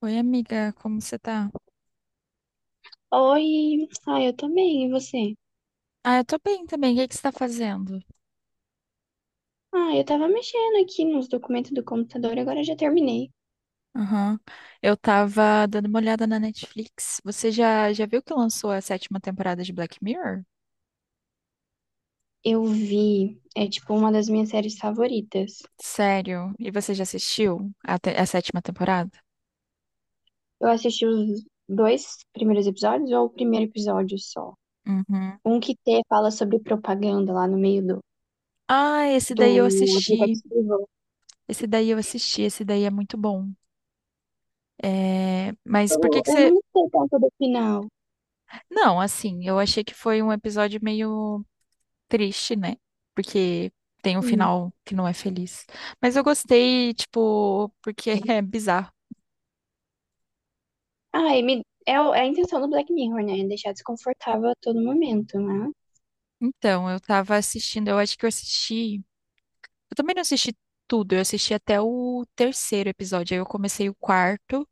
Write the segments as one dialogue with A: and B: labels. A: Oi, amiga, como você tá?
B: Oi, eu tô bem, e você?
A: Ah, eu tô bem também. O que que você tá fazendo?
B: Ah, eu tava mexendo aqui nos documentos do computador, agora já terminei.
A: Aham. Eu tava dando uma olhada na Netflix. Você já viu que lançou a sétima temporada de Black Mirror?
B: Eu vi, é tipo uma das minhas séries favoritas.
A: Sério? E você já assistiu a sétima temporada?
B: Eu assisti os dois primeiros episódios ou o primeiro episódio só?
A: Uhum.
B: Um que te fala sobre propaganda lá no meio
A: Ah, esse daí eu
B: do
A: assisti.
B: aplicativo.
A: Esse daí eu assisti. Esse daí é muito bom. É, mas por que
B: Eu,
A: que
B: eu
A: você.
B: não gostei tanto do final.
A: Não, assim, eu achei que foi um episódio meio triste, né? Porque tem um
B: Hum.
A: final que não é feliz. Mas eu gostei, tipo, porque é bizarro.
B: Ah, é a intenção do Black Mirror, né? Deixar desconfortável a todo momento, né?
A: Então, eu tava assistindo, eu acho que eu assisti. Eu também não assisti tudo, eu assisti até o terceiro episódio. Aí eu comecei o quarto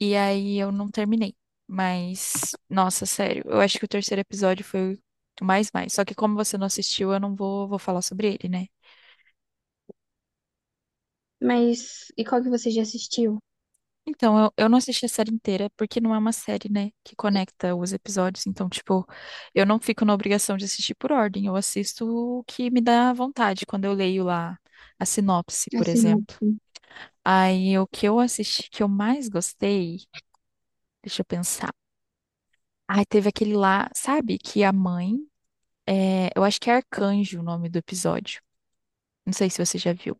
A: e aí eu não terminei. Mas, nossa, sério, eu acho que o terceiro episódio foi o mais mais. Só que como você não assistiu, eu não vou falar sobre ele, né?
B: Mas, e qual que você já assistiu?
A: Então, eu não assisti a série inteira, porque não é uma série, né, que conecta os episódios. Então, tipo, eu não fico na obrigação de assistir por ordem. Eu assisto o que me dá vontade quando eu leio lá a sinopse, por
B: Assim, não.
A: exemplo. Aí, o que eu assisti que eu mais gostei, deixa eu pensar. Ai, teve aquele lá, sabe, que a mãe, é, eu acho que é Arcanjo o nome do episódio. Não sei se você já viu.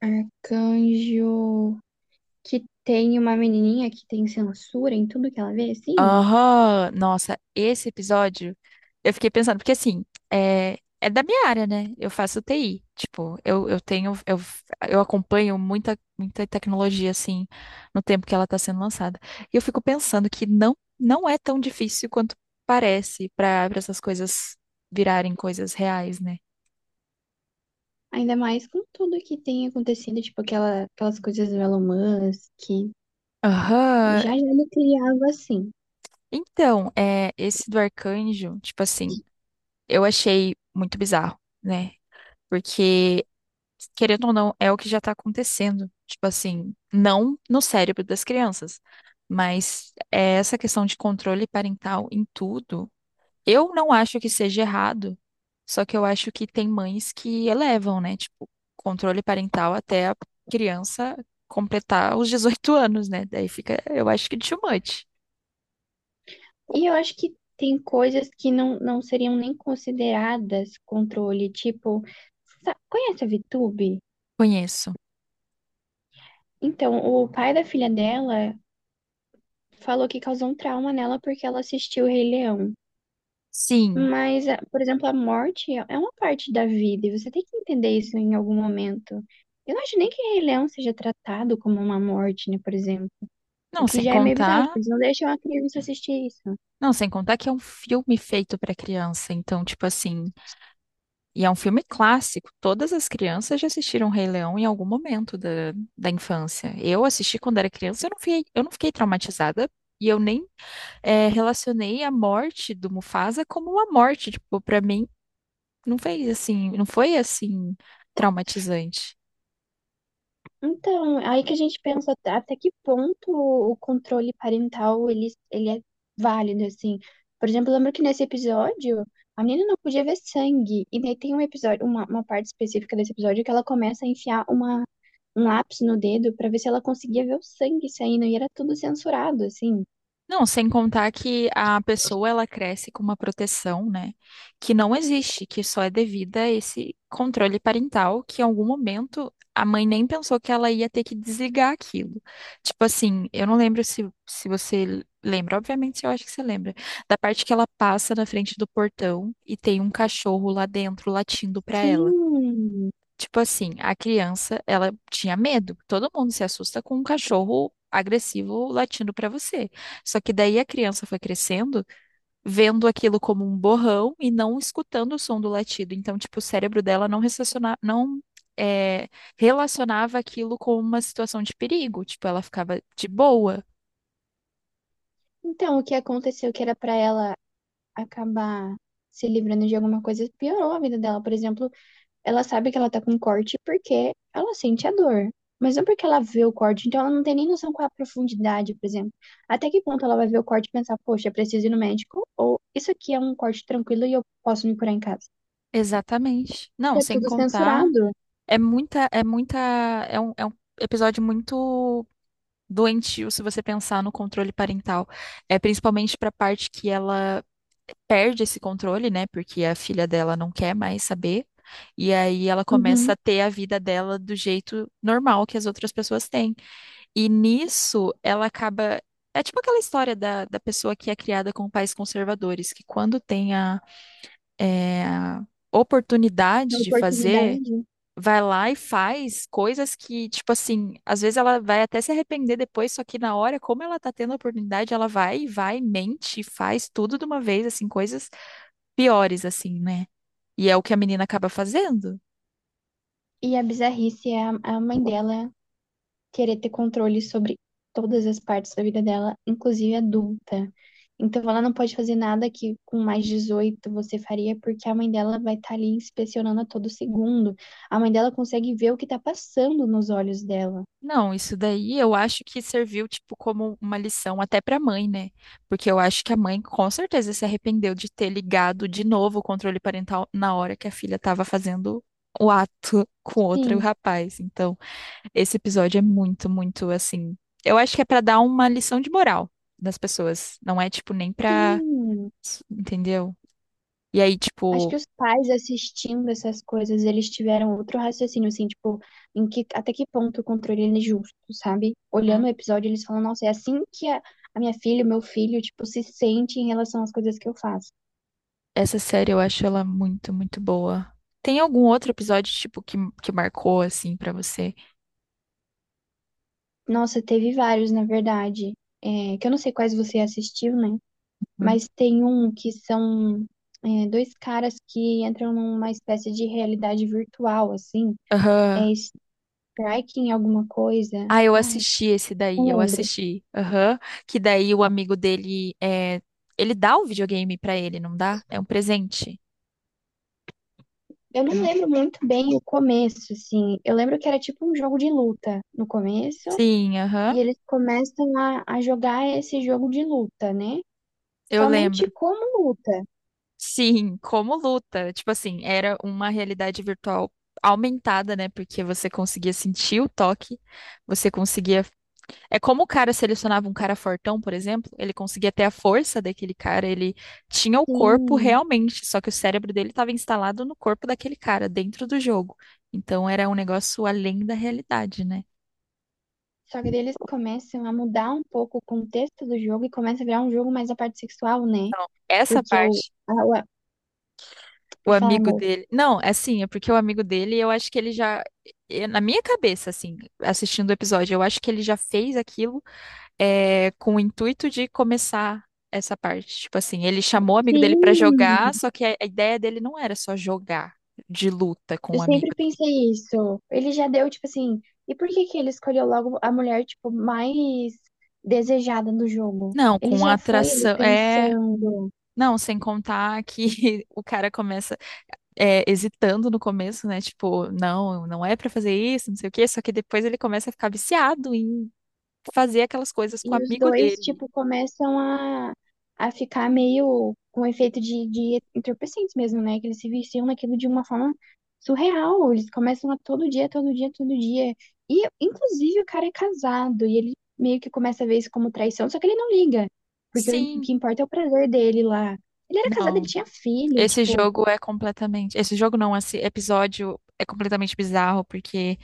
B: Arcanjo que tem uma menininha que tem censura em tudo que ela vê, sim.
A: Aham, nossa, esse episódio eu fiquei pensando, porque assim, é da minha área, né? Eu faço TI, tipo, eu tenho, eu acompanho muita, muita tecnologia, assim, no tempo que ela tá sendo lançada. E eu fico pensando que não, não é tão difícil quanto parece para essas coisas virarem coisas reais, né?
B: Ainda mais com tudo que tem acontecido, tipo aquelas coisas do Elon Musk, que
A: Aham,
B: já já ele criava assim.
A: então, é, esse do arcanjo, tipo assim, eu achei muito bizarro, né? Porque querendo ou não, é o que já tá acontecendo. Tipo assim, não no cérebro das crianças, mas é essa questão de controle parental em tudo. Eu não acho que seja errado, só que eu acho que tem mães que elevam, né? Tipo, controle parental até a criança completar os 18 anos, né? Daí fica, eu acho que too much.
B: E eu acho que tem coisas que não seriam nem consideradas controle, tipo, conhece a VTube?
A: Conheço.
B: Então, o pai da filha dela falou que causou um trauma nela porque ela assistiu o Rei Leão.
A: Sim.
B: Mas, por exemplo, a morte é uma parte da vida e você tem que entender isso em algum momento. Eu não acho nem que Rei Leão seja tratado como uma morte, né, por exemplo. O
A: Não,
B: que
A: sem
B: já é meio bizarro,
A: contar.
B: tipo, eles não deixam a criança assistir isso.
A: Não, sem contar que é um filme feito pra criança. Então, tipo assim. E é um filme clássico. Todas as crianças já assistiram Rei Leão em algum momento da, da infância. Eu assisti quando era criança, eu não fiquei traumatizada. E eu nem relacionei a morte do Mufasa como uma morte. Tipo, pra mim, não fez assim, não foi assim traumatizante.
B: Então, aí que a gente pensa até que ponto o controle parental ele é válido, assim. Por exemplo, eu lembro que nesse episódio a menina não podia ver sangue. E daí tem um episódio, uma parte específica desse episódio que ela começa a enfiar uma um lápis no dedo pra ver se ela conseguia ver o sangue saindo e era tudo censurado, assim.
A: Não, sem contar que a pessoa ela cresce com uma proteção, né, que não existe, que só é devida a esse controle parental, que em algum momento a mãe nem pensou que ela ia ter que desligar aquilo. Tipo assim, eu não lembro se você lembra, obviamente eu acho que você lembra, da parte que ela passa na frente do portão e tem um cachorro lá dentro latindo pra ela.
B: Sim.
A: Tipo assim, a criança, ela tinha medo. Todo mundo se assusta com um cachorro agressivo latindo pra você. Só que daí a criança foi crescendo, vendo aquilo como um borrão e não escutando o som do latido. Então, tipo, o cérebro dela não relaciona, não é, relacionava aquilo com uma situação de perigo. Tipo, ela ficava de boa.
B: Então, o que aconteceu que era pra ela acabar se livrando de alguma coisa piorou a vida dela. Por exemplo, ela sabe que ela tá com corte porque ela sente a dor. Mas não porque ela vê o corte, então ela não tem nem noção qual é a profundidade, por exemplo. Até que ponto ela vai ver o corte e pensar, poxa, preciso ir no médico? Ou isso aqui é um corte tranquilo e eu posso me curar em casa?
A: Exatamente. Não,
B: É
A: sem
B: tudo
A: contar,
B: censurado.
A: é muita, é muita, é um episódio muito doentio se você pensar no controle parental. É principalmente para a parte que ela perde esse controle, né? Porque a filha dela não quer mais saber. E aí ela começa
B: Uhum.
A: a ter a vida dela do jeito normal que as outras pessoas têm. E nisso ela acaba. É tipo aquela história da, da pessoa que é criada com pais conservadores, que quando tem a
B: A
A: oportunidade de fazer
B: oportunidade.
A: vai lá e faz coisas que, tipo assim, às vezes ela vai até se arrepender depois, só que na hora, como ela tá tendo a oportunidade, ela vai e vai, mente, e faz tudo de uma vez, assim, coisas piores, assim, né? E é o que a menina acaba fazendo.
B: E a bizarrice é é a mãe dela querer ter controle sobre todas as partes da vida dela, inclusive adulta. Então ela não pode fazer nada que com mais 18 você faria, porque a mãe dela vai estar ali inspecionando a todo segundo. A mãe dela consegue ver o que está passando nos olhos dela.
A: Não, isso daí eu acho que serviu, tipo, como uma lição até pra mãe, né? Porque eu acho que a mãe com certeza se arrependeu de ter ligado de novo o controle parental na hora que a filha tava fazendo o ato com outro
B: Sim,
A: rapaz. Então, esse episódio é muito, muito assim. Eu acho que é pra dar uma lição de moral nas pessoas. Não é, tipo, nem pra.
B: sim.
A: Entendeu? E aí,
B: Acho
A: tipo,
B: que os pais assistindo essas coisas, eles tiveram outro raciocínio, assim, tipo, em que, até que ponto o controle ele é justo, sabe?
A: hum,
B: Olhando o episódio, eles falam, nossa, é assim que a minha filha, o meu filho, tipo, se sente em relação às coisas que eu faço.
A: essa série eu acho ela muito, muito boa. Tem algum outro episódio, tipo, que marcou, assim, pra você?
B: Nossa, teve vários, na verdade, que eu não sei quais você assistiu, né?
A: Hum.
B: Mas tem um que dois caras que entram numa espécie de realidade virtual, assim, é
A: Aham.
B: striking alguma coisa,
A: Ah, eu
B: ai,
A: assisti esse daí,
B: não
A: eu
B: lembro.
A: assisti. Aham. Que daí o amigo dele é. Ele dá o videogame pra ele, não dá? É um presente.
B: Eu não
A: Eu não-
B: lembro muito bem o começo, assim. Eu lembro que era tipo um jogo de luta no começo,
A: Sim, aham.
B: e eles começam a jogar esse jogo de luta, né?
A: Eu lembro.
B: Somente como luta.
A: Sim, como luta. Tipo assim, era uma realidade virtual aumentada, né? Porque você conseguia sentir o toque, você conseguia. É como o cara selecionava um cara fortão, por exemplo, ele conseguia ter a força daquele cara, ele tinha o corpo
B: Sim.
A: realmente, só que o cérebro dele estava instalado no corpo daquele cara, dentro do jogo. Então era um negócio além da realidade, né?
B: Só que daí eles começam a mudar um pouco o contexto do jogo e começa a virar um jogo mais a parte sexual, né?
A: Então, essa
B: Porque o.
A: parte.
B: a- o-
A: O
B: Pode falar,
A: amigo
B: amor.
A: dele. Não, é assim, é porque o amigo dele, eu acho que ele já. Na minha cabeça, assim, assistindo o episódio, eu acho que ele já fez aquilo com o intuito de começar essa parte. Tipo assim, ele chamou o amigo dele pra jogar,
B: Sim!
A: só que a ideia dele não era só jogar de luta com
B: Eu
A: o amigo.
B: sempre pensei isso. Ele já deu, tipo assim, e por que que ele escolheu logo a mulher, tipo, mais desejada no jogo?
A: Não,
B: Ele
A: com a
B: já foi ali
A: atração. É.
B: pensando.
A: Não, sem contar que o cara começa hesitando no começo, né? Tipo, não, não é pra fazer isso, não sei o quê. Só que depois ele começa a ficar viciado em fazer aquelas coisas com o
B: E os
A: amigo
B: dois,
A: dele.
B: tipo, começam a ficar meio com efeito de entorpecentes mesmo, né? Que eles se viciam naquilo de uma forma surreal. Eles começam a todo dia, todo dia, todo dia. E, inclusive, o cara é casado e ele meio que começa a ver isso como traição, só que ele não liga. Porque o
A: Sim,
B: que importa é o prazer dele lá. Ele era casado, ele
A: não.
B: tinha filho,
A: Esse
B: tipo,
A: jogo é completamente. Esse jogo não, esse episódio é completamente bizarro, porque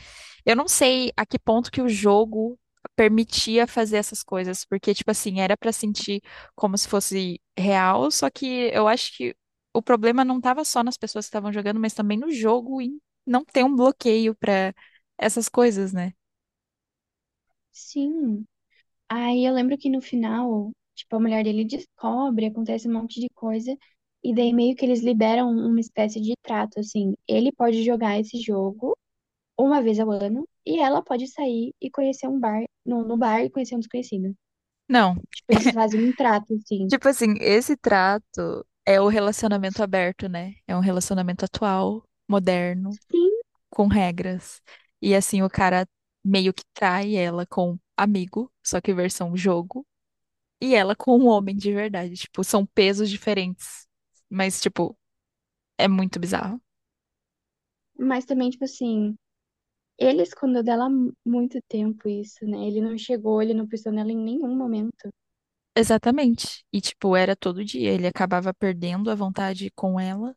A: eu não sei a que ponto que o jogo permitia fazer essas coisas, porque, tipo assim, era pra sentir como se fosse real, só que eu acho que o problema não tava só nas pessoas que estavam jogando, mas também no jogo em não ter um bloqueio pra essas coisas, né?
B: sim. Aí eu lembro que no final, tipo, a mulher dele descobre, acontece um monte de coisa, e daí meio que eles liberam uma espécie de trato, assim, ele pode jogar esse jogo uma vez ao ano, e ela pode sair e conhecer um bar, no bar e conhecer um desconhecido.
A: Não.
B: Tipo, eles fazem um trato, assim.
A: Tipo assim, esse trato é o relacionamento aberto, né? É um relacionamento atual, moderno,
B: Sim,
A: com regras. E assim, o cara meio que trai ela com amigo, só que versão jogo, e ela com um homem de verdade. Tipo, são pesos diferentes. Mas, tipo, é muito bizarro.
B: mas também, tipo assim, ele escondeu dela há muito tempo isso, né? Ele não chegou, ele não pensou nela em nenhum momento.
A: Exatamente. E, tipo, era todo dia. Ele acabava perdendo a vontade com ela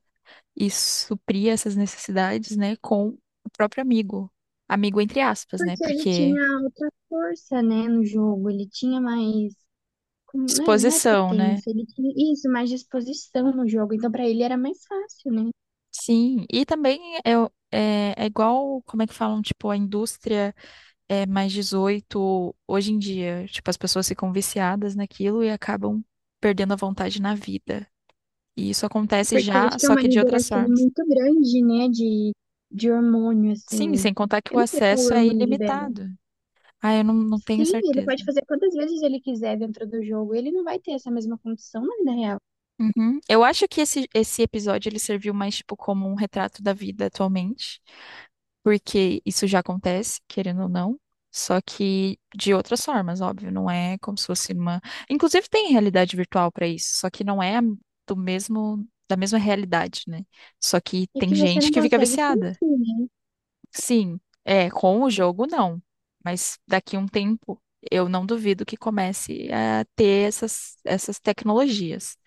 A: e supria essas necessidades, né, com o próprio amigo. Amigo entre aspas, né?
B: Porque ele
A: Porque.
B: tinha outra força, né, no jogo, ele tinha mais não é, não é
A: Disposição, né?
B: potência, ele tinha isso, mais disposição no jogo. Então, pra ele era mais fácil, né?
A: Sim, e também é igual, como é que falam, tipo, a indústria é +18 hoje em dia. Tipo, as pessoas ficam viciadas naquilo e acabam perdendo a vontade na vida. E isso acontece
B: Porque eu acho
A: já,
B: que é
A: só
B: uma
A: que de outras
B: liberação
A: formas.
B: muito grande, né, de hormônio,
A: Sim,
B: assim.
A: sem contar que o
B: Eu não sei qual
A: acesso é
B: hormônio libera.
A: ilimitado. Ah, eu não, não tenho
B: Sim, ele
A: certeza.
B: pode fazer quantas vezes ele quiser dentro do jogo, ele não vai ter essa mesma condição na vida real.
A: Uhum. Eu acho que esse episódio ele serviu mais, tipo, como um retrato da vida atualmente. Porque isso já acontece, querendo ou não, só que de outras formas, óbvio, não é como se fosse uma. Inclusive tem realidade virtual para isso, só que não é do mesmo da mesma realidade, né? Só que
B: E
A: tem
B: que você
A: gente
B: não
A: que fica
B: consegue
A: viciada.
B: sentir, né?
A: Sim, é, com o jogo não, mas daqui a um tempo eu não duvido que comece a ter essas tecnologias.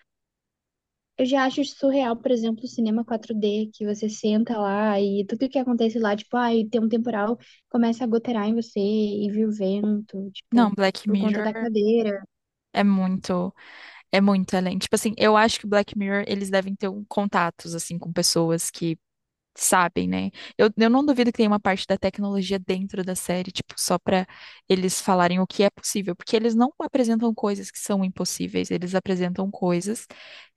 B: Eu já acho surreal, por exemplo, o cinema 4D, que você senta lá e tudo que acontece lá, tipo, ai, tem um temporal, começa a gotear em você e vira o vento,
A: Não,
B: tipo,
A: Black
B: por conta da
A: Mirror
B: cadeira.
A: é muito É muito além. Tipo assim, eu acho que Black Mirror, eles devem ter um contatos, assim, com pessoas que sabem, né? Eu não duvido que tenha uma parte da tecnologia dentro da série, tipo, só pra eles falarem o que é possível, porque eles não apresentam coisas que são impossíveis, eles apresentam coisas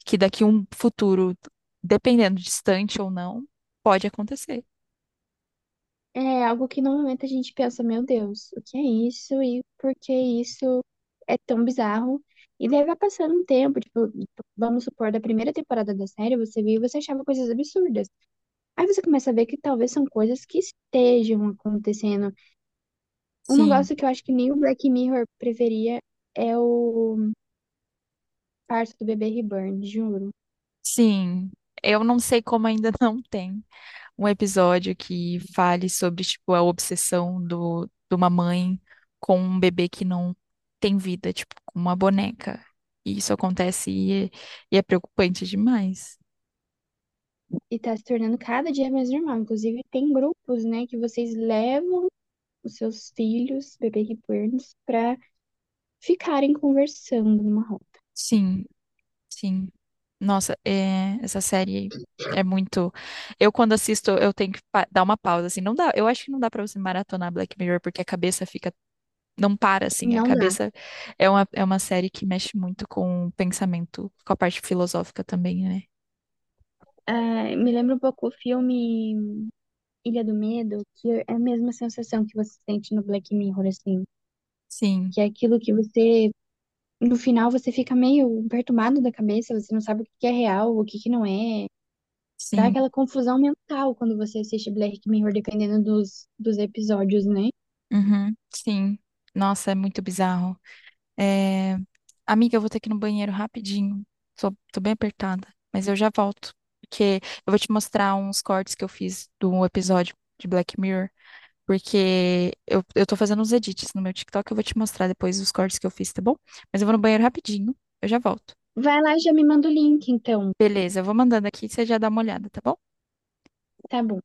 A: que daqui a um futuro, dependendo distante ou não, pode acontecer.
B: É algo que no momento a gente pensa, meu Deus, o que é isso e por que isso é tão bizarro? E daí vai passando um tempo, tipo, vamos supor, da primeira temporada da série, você viu e você achava coisas absurdas. Aí você começa a ver que talvez são coisas que estejam acontecendo. Um
A: Sim,
B: negócio que eu acho que nem o Black Mirror preferia é o parto do bebê reborn, juro.
A: sim. Eu não sei como ainda não tem um episódio que fale sobre, tipo, a obsessão de uma mãe com um bebê que não tem vida, tipo, com uma boneca. E isso acontece e é preocupante demais.
B: E tá se tornando cada dia mais normal. Inclusive, tem grupos, né, que vocês levam os seus filhos, bebê reborns, pra ficarem conversando numa roda.
A: Sim, sim. Nossa, é, essa série é muito. Eu, quando assisto, eu tenho que dar uma pausa, assim. Não dá, eu acho que não dá pra você maratonar Black Mirror, porque a cabeça fica. Não para, assim. A
B: Não dá.
A: cabeça é uma série que mexe muito com o pensamento, com a parte filosófica também, né?
B: Ah, me lembra um pouco o filme Ilha do Medo, que é a mesma sensação que você sente no Black Mirror, assim.
A: Sim.
B: Que é aquilo que você, no final, você fica meio perturbado da cabeça, você não sabe o que que é real, o que que não é. Dá
A: Sim,
B: aquela confusão mental quando você assiste Black Mirror, dependendo dos episódios, né?
A: uhum, sim. Nossa, é muito bizarro. É, amiga, eu vou ter que ir no banheiro rapidinho. Tô bem apertada, mas eu já volto. Porque eu vou te mostrar uns cortes que eu fiz do episódio de Black Mirror. Porque eu tô fazendo uns edits no meu TikTok, eu vou te mostrar depois os cortes que eu fiz, tá bom? Mas eu vou no banheiro rapidinho, eu já volto.
B: Vai lá e já me manda o link, então.
A: Beleza, eu vou mandando aqui e você já dá uma olhada, tá bom?
B: Tá bom.